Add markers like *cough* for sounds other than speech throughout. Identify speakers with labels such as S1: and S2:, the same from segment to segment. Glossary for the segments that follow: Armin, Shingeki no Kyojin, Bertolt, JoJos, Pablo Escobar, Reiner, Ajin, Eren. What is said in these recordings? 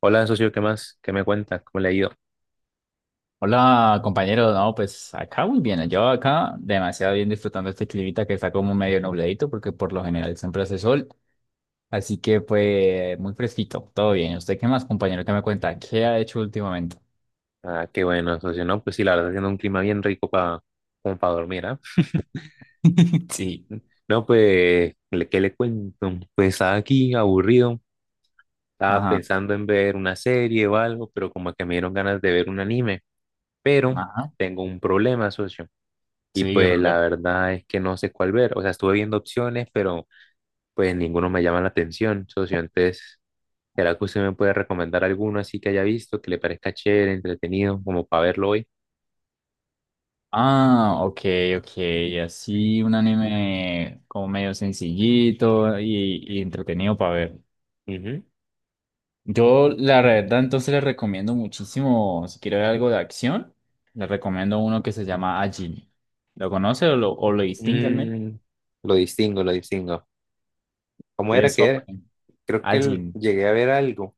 S1: Hola, socio, ¿qué más? ¿Qué me cuenta? ¿Cómo le ha ido?
S2: Hola compañero, no, pues acá muy bien, yo acá demasiado bien disfrutando este climita que está como medio nubladito porque por lo general siempre hace sol, así que pues muy fresquito, todo bien. ¿Usted qué más, compañero? ¿Qué me cuenta? ¿Qué ha hecho últimamente?
S1: Ah, qué bueno, socio, ¿no? Pues sí, la verdad, haciendo un clima bien rico para como para dormir, ¿ah?
S2: *laughs* Sí.
S1: No, pues, ¿qué le cuento? Pues estaba aquí aburrido, estaba
S2: Ajá,
S1: pensando en ver una serie o algo, pero como que me dieron ganas de ver un anime, pero
S2: ajá,
S1: tengo un problema, socio, y
S2: sí, qué
S1: pues la
S2: problema.
S1: verdad es que no sé cuál ver, o sea, estuve viendo opciones, pero pues ninguno me llama la atención, socio, entonces, ¿será que usted me puede recomendar alguno así que haya visto, que le parezca chévere, entretenido, como para verlo hoy?
S2: Ah, ok, ok, así un anime como medio sencillito y entretenido para ver.
S1: Ujú.
S2: Yo, la verdad, entonces les recomiendo muchísimo, si quiere ver algo de acción, les recomiendo uno que se llama Ajin. ¿Lo conoce o lo distingue al menos?
S1: Mm, lo distingo, lo distingo. ¿Cómo era
S2: Es
S1: que era?
S2: sobre
S1: Creo que
S2: Ajin.
S1: llegué a ver algo,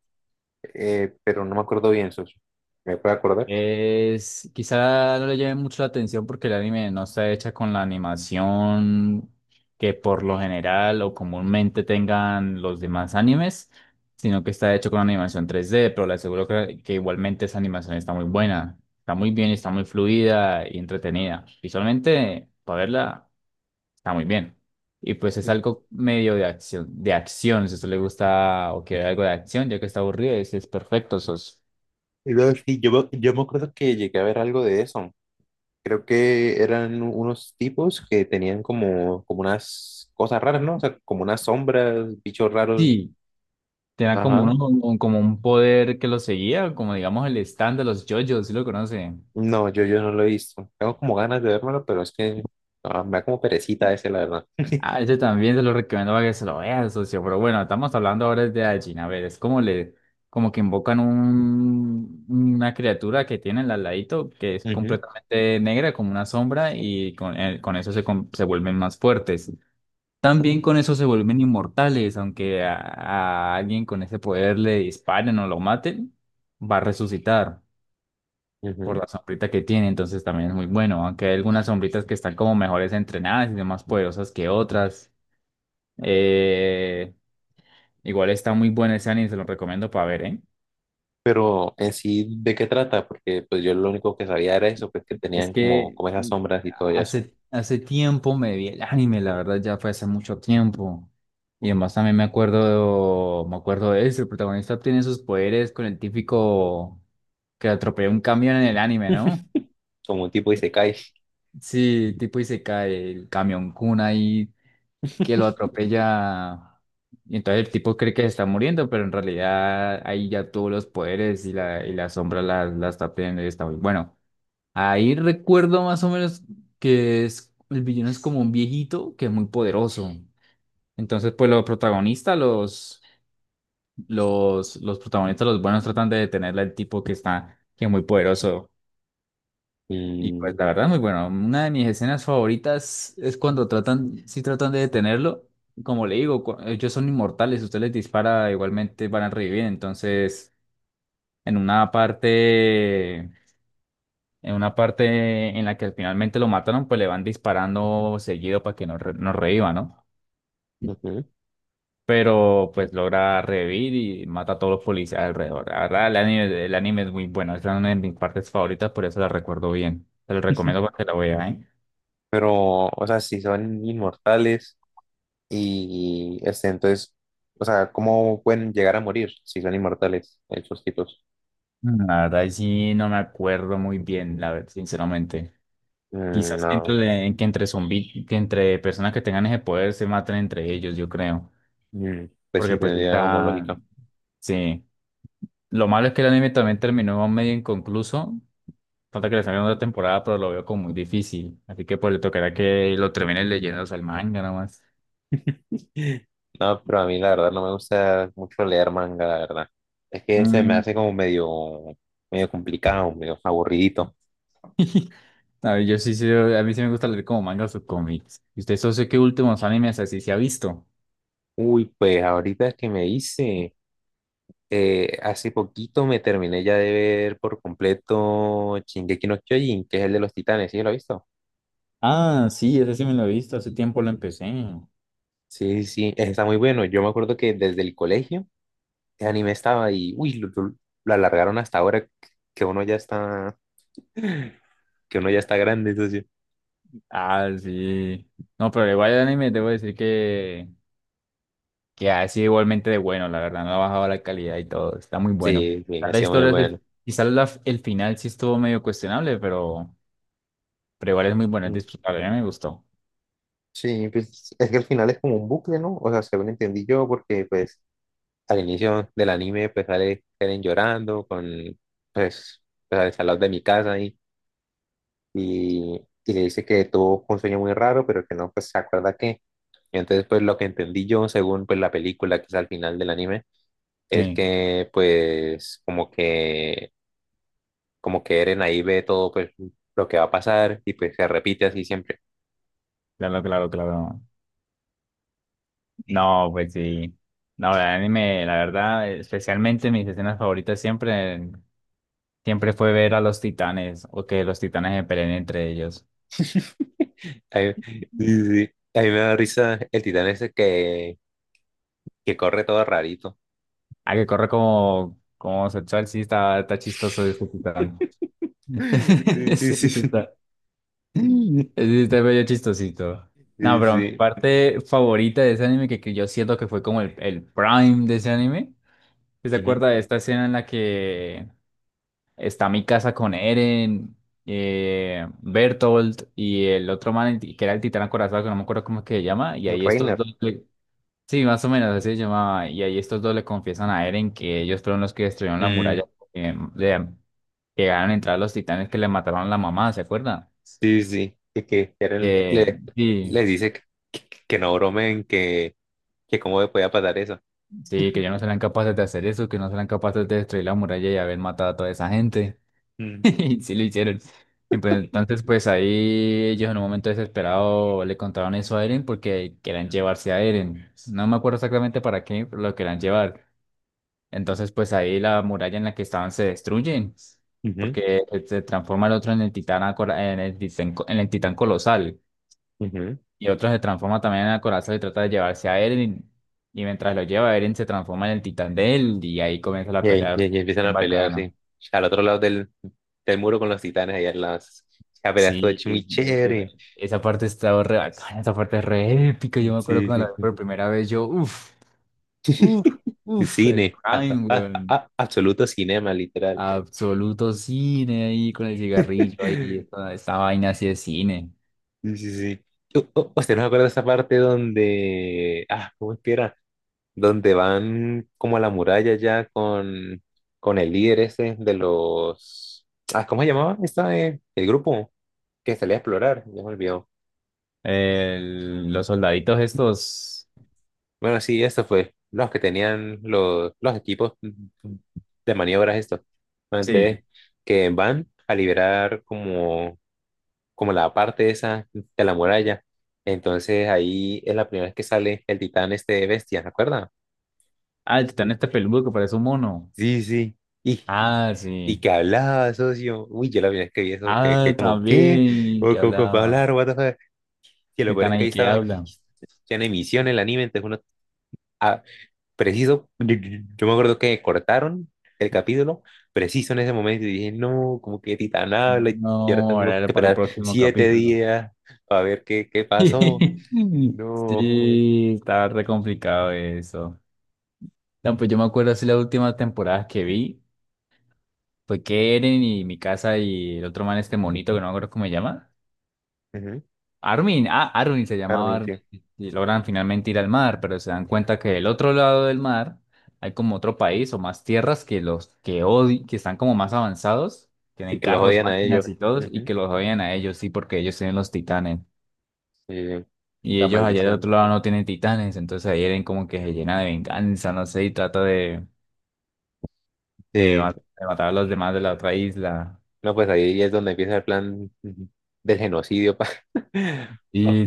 S1: pero no me acuerdo bien, socio. ¿Me puede acordar?
S2: Es, quizá no le llame mucho la atención porque el anime no está hecha con la animación que por lo general o comúnmente tengan los demás animes, sino que está hecho con animación 3D, pero le aseguro que, igualmente esa animación está muy buena, está muy bien, está muy fluida y entretenida. Visualmente, para verla, está muy bien. Y pues es
S1: Y-
S2: algo medio de acción, si a usted le gusta o quiere algo de acción, ya que está aburrido, es perfecto, sos.
S1: y luego sí, yo me acuerdo que llegué a ver algo de eso. Creo que eran unos tipos que tenían como, como unas cosas raras, ¿no? O sea, como unas sombras, bichos raros.
S2: Sí, tenía como
S1: Ajá.
S2: uno, como un poder que lo seguía, como digamos el stand de los JoJos, si lo conocen.
S1: No, yo no lo he visto. Tengo como ganas de verlo pero es que ah, me da como perecita ese, la verdad.
S2: Ah, ese también se lo recomiendo para que se lo vean, socio. Pero bueno, estamos hablando ahora de Ajin. A ver, es como le, como que invocan un, una criatura que tienen al ladito, que es
S1: Ujú,
S2: completamente negra, como una sombra, y con eso se, se vuelven más fuertes. También con eso se vuelven inmortales, aunque a alguien con ese poder le disparen o lo maten, va a resucitar por
S1: ujú.
S2: la sombrita que tiene, entonces también es muy bueno, aunque hay algunas sombritas que están como mejores entrenadas y son más poderosas que otras. Eh, Igual está muy bueno ese anime, se lo recomiendo para ver, ¿eh?
S1: Pero en sí, ¿de qué trata? Porque pues yo lo único que sabía era eso, pues que
S2: Es
S1: tenían como,
S2: que
S1: como esas sombras y todo eso,
S2: hace tiempo me vi el anime, la verdad ya fue hace mucho tiempo. Y además también me acuerdo de eso, el protagonista obtiene sus poderes con el típico que atropella un camión en el anime, ¿no?
S1: como un tipo de isekai.
S2: Sí, tipo y se cae el camión Kun ahí que lo atropella. Y entonces el tipo cree que se está muriendo, pero en realidad ahí ya tuvo los poderes y la sombra la, la está pidiendo y está muy bueno. Ahí recuerdo más o menos que es, el villano es como un viejito que es muy poderoso. Entonces, pues los protagonistas, los protagonistas, los buenos tratan de detenerle al tipo que está, que es muy poderoso. Y pues
S1: Y,
S2: la verdad, muy bueno. Una de mis escenas favoritas es cuando tratan, si tratan de detenerlo. Como le digo, ellos son inmortales, usted les dispara, igualmente van a revivir. Entonces, en una parte, en una parte en la que finalmente lo mataron, pues le van disparando seguido para que no, no reviva, ¿no?
S1: ujú.
S2: Pero pues logra revivir y mata a todos los policías alrededor. La verdad, el anime es muy bueno. Esa es una de mis partes favoritas, por eso la recuerdo bien. Te lo recomiendo para que la veas, ¿eh?
S1: Pero, o sea, si son inmortales y este, entonces, o sea, ¿cómo pueden llegar a morir si son inmortales esos tipos?
S2: Mm, la verdad, ahí sí no me acuerdo muy bien, la verdad, sinceramente. Quizás
S1: No,
S2: entre, en que que entre personas que tengan ese poder se maten entre ellos, yo creo.
S1: Mm, pues
S2: Porque
S1: sí,
S2: pues
S1: tendría como
S2: está,
S1: lógica.
S2: sí. Lo malo es que el anime también terminó medio inconcluso. Falta que le salga otra temporada, pero lo veo como muy difícil. Así que pues le tocará que lo terminen leyendo, o sea, el manga nomás.
S1: *laughs* No, pero a mí la verdad no me gusta mucho leer manga, la verdad. Es que se me
S2: Mm,
S1: hace como medio, medio complicado, medio aburridito.
S2: a ver, yo sí, sí, a mí sí me gusta leer como mangas o cómics. ¿Y usted, socio, qué últimos animes así se ha visto?
S1: Uy, pues ahorita que me hice, hace poquito me terminé ya de ver por completo Shingeki no Kyojin, que es el de los titanes, ¿sí lo has visto?
S2: Ah, sí, ese sí me lo he visto, hace tiempo lo empecé.
S1: Sí, sí, está muy bueno. Yo me acuerdo que desde el colegio el anime estaba y, uy, lo alargaron hasta ahora que uno ya está, *laughs* que uno ya está grande, entonces.
S2: Ah, sí. No, pero igual el anime debo decir que, ha sido igualmente de bueno, la verdad. No ha bajado la calidad y todo. Está muy bueno.
S1: Sí, sí,
S2: La
S1: hacía muy
S2: historia,
S1: bueno.
S2: quizás el final sí estuvo medio cuestionable, pero, igual es muy bueno, es
S1: Mm,
S2: disfrutable. A mí me gustó.
S1: sí, pues es que al final es como un bucle, ¿no? O sea, según entendí yo, porque pues al inicio del anime, pues sale Eren llorando con, pues, pues al salón de mi casa y, y le dice que tuvo un sueño muy raro, pero que no, pues, se acuerda que. Y entonces, pues, lo que entendí yo, según, pues, la película que es al final del anime, es
S2: Sí,
S1: que, pues, como que Eren ahí ve todo, pues, lo que va a pasar y, pues, se repite así siempre.
S2: claro, claro, claro. No, pues sí. No, el anime, la verdad, especialmente mis escenas favoritas siempre, siempre fue ver a los titanes o que los titanes se peleen entre ellos.
S1: A mí, *laughs* sí, sí. A mí me da risa el titán ese que corre todo rarito.
S2: Ah, que corre como, como homosexual, sí, está, está chistoso ese titán.
S1: *laughs*
S2: *laughs*
S1: Sí, sí,
S2: Sí, sí
S1: sí.
S2: está. Sí, está medio chistosito. No,
S1: Sí,
S2: pero mi
S1: sí.
S2: parte favorita de ese anime, que yo siento que fue como el prime de ese anime, ¿se
S1: Ujú.
S2: acuerda de esta escena en la que está mi casa con Eren, Bertolt y el otro man, que era el titán acorazado, que no me acuerdo cómo es que se llama, y
S1: El
S2: ahí estos
S1: Reiner.
S2: dos... Sí, más o menos así se llamaba. Y ahí estos dos le confiesan a Eren que ellos fueron los que destruyeron la
S1: Mm,
S2: muralla, porque le llegaron a entrar los titanes que le mataron a la mamá, ¿se acuerdan?
S1: sí, sí, sí.
S2: Que
S1: Le
S2: sí,
S1: le dice que, que no bromen, que cómo le podía pasar eso.
S2: sí, que ellos no serán capaces de hacer eso, que no serán capaces de destruir la muralla y haber matado a toda esa gente. *laughs*
S1: Mm.
S2: Y sí lo hicieron. Y pues, entonces, pues ahí ellos en un momento desesperado le contaron eso a Eren porque querían llevarse a Eren. No me acuerdo exactamente para qué, pero lo querían llevar. Entonces, pues ahí la muralla en la que estaban se destruye,
S1: Ujú,
S2: porque se transforma el otro en el titán, en el titán, en el titán colosal,
S1: ujú.
S2: y otro se transforma también en el corazón y trata de llevarse a Eren, y, mientras lo lleva, Eren se transforma en el titán de él, y ahí comienza la
S1: Y
S2: pelea
S1: ahí empiezan
S2: en
S1: a pelear,
S2: bacana.
S1: sí. Al otro lado del, del muro con los titanes, allá las... La pelea estuvo
S2: Sí,
S1: hecho muy chévere.
S2: esa parte está re bacana, esa parte es re épica, yo me acuerdo
S1: Sí,
S2: cuando
S1: sí,
S2: la vi
S1: sí.
S2: por primera vez, yo, uff, uff,
S1: *laughs*
S2: uff, el
S1: Cine,
S2: prime, weón.
S1: absoluto cinema, literal.
S2: Absoluto cine ahí con el cigarrillo ahí, esta vaina así de cine.
S1: Sí, sí, sí. ¿Usted no se acuerda de esa parte donde... Ah, ¿cómo es que era? Donde van como a la muralla ya con el líder ese de los... Ah, ¿cómo se llamaba? Esta, el grupo que salía a explorar, ya me olvidó.
S2: Los soldaditos estos.
S1: Bueno, sí, eso fue. Los que tenían los equipos de maniobras estos. Entonces,
S2: Sí.
S1: que van a liberar como, como la parte esa de la muralla. Entonces ahí es la primera vez que sale el titán este bestia, ¿se acuerdan?
S2: Ah, el titán este peludo que parece un mono.
S1: Sí, sí. Y
S2: Ah,
S1: y
S2: sí.
S1: que hablaba, socio. Uy, yo la primera vez que vi eso,
S2: Ah,
S1: que como, ¿qué?
S2: también, que
S1: ¿Cómo puede
S2: hablaba.
S1: hablar? What the fuck? Que lo peor
S2: Titán
S1: es que
S2: ahí
S1: ahí
S2: que
S1: estaba
S2: habla.
S1: ya en emisión el anime, entonces uno, ah, preciso, yo me acuerdo que cortaron el capítulo, preciso en ese momento, y dije, no, como que Titán habla,
S2: No,
S1: y ahora tengo
S2: ahora
S1: que
S2: era para el
S1: esperar
S2: próximo
S1: siete
S2: capítulo.
S1: días para ver qué, qué pasó.
S2: *laughs*
S1: No.
S2: Sí, estaba re complicado eso. No, pues yo me acuerdo así las últimas temporadas que vi. Fue Eren y mi casa y el otro man este monito que no me acuerdo cómo se llama.
S1: Ujú,
S2: Armin, ah, Armin se llamaba,
S1: Armin,
S2: Armin,
S1: sí.
S2: y logran finalmente ir al mar, pero se dan cuenta que del otro lado del mar hay como otro país o más tierras que los que están como más avanzados,
S1: Y
S2: tienen
S1: que los
S2: carros,
S1: odian a ellos.
S2: máquinas y todos, y
S1: Ujú.
S2: que los odian a ellos, sí, porque ellos tienen los titanes.
S1: Sí,
S2: Y
S1: la
S2: ellos allá del
S1: maldición.
S2: otro lado no tienen titanes, entonces ahí Eren como que se llena de venganza, no sé, y trata de, de ma-
S1: Sí.
S2: de matar a los demás de la otra isla.
S1: No, pues ahí es donde empieza el plan del genocidio para
S2: Y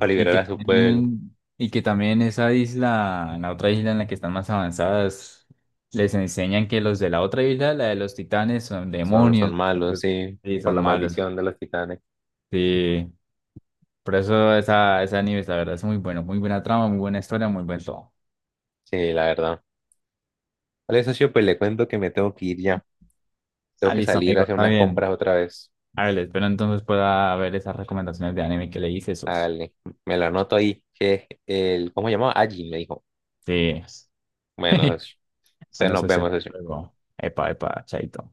S1: *laughs*
S2: y
S1: liberar
S2: que
S1: a su pueblo.
S2: también, y que también esa isla, la otra isla en la que están más avanzadas, les enseñan que los de la otra isla, la de los titanes, son
S1: Son, son
S2: demonios,
S1: malos,
S2: entonces,
S1: sí,
S2: sí,
S1: por
S2: son
S1: la
S2: malos.
S1: maldición de los titanes.
S2: Sí, por eso esa, esa anime la verdad, es muy bueno, muy buena trama, muy buena historia, muy buen todo.
S1: Sí, la verdad. Vale, socio, pues le cuento que me tengo que ir ya. Tengo
S2: Ah,
S1: que
S2: listo,
S1: salir a
S2: amigo,
S1: hacer
S2: está
S1: unas
S2: bien.
S1: compras otra vez.
S2: A ver, espero entonces pueda ver esas recomendaciones de anime que le hice, esos.
S1: Dale, me lo anoto ahí, que es el, ¿cómo se llamaba? Allí me dijo.
S2: Sí.
S1: Bueno,
S2: *laughs*
S1: socio, entonces
S2: Bueno,
S1: nos
S2: eso es
S1: vemos, socio.
S2: luego. Epa, epa, chaito.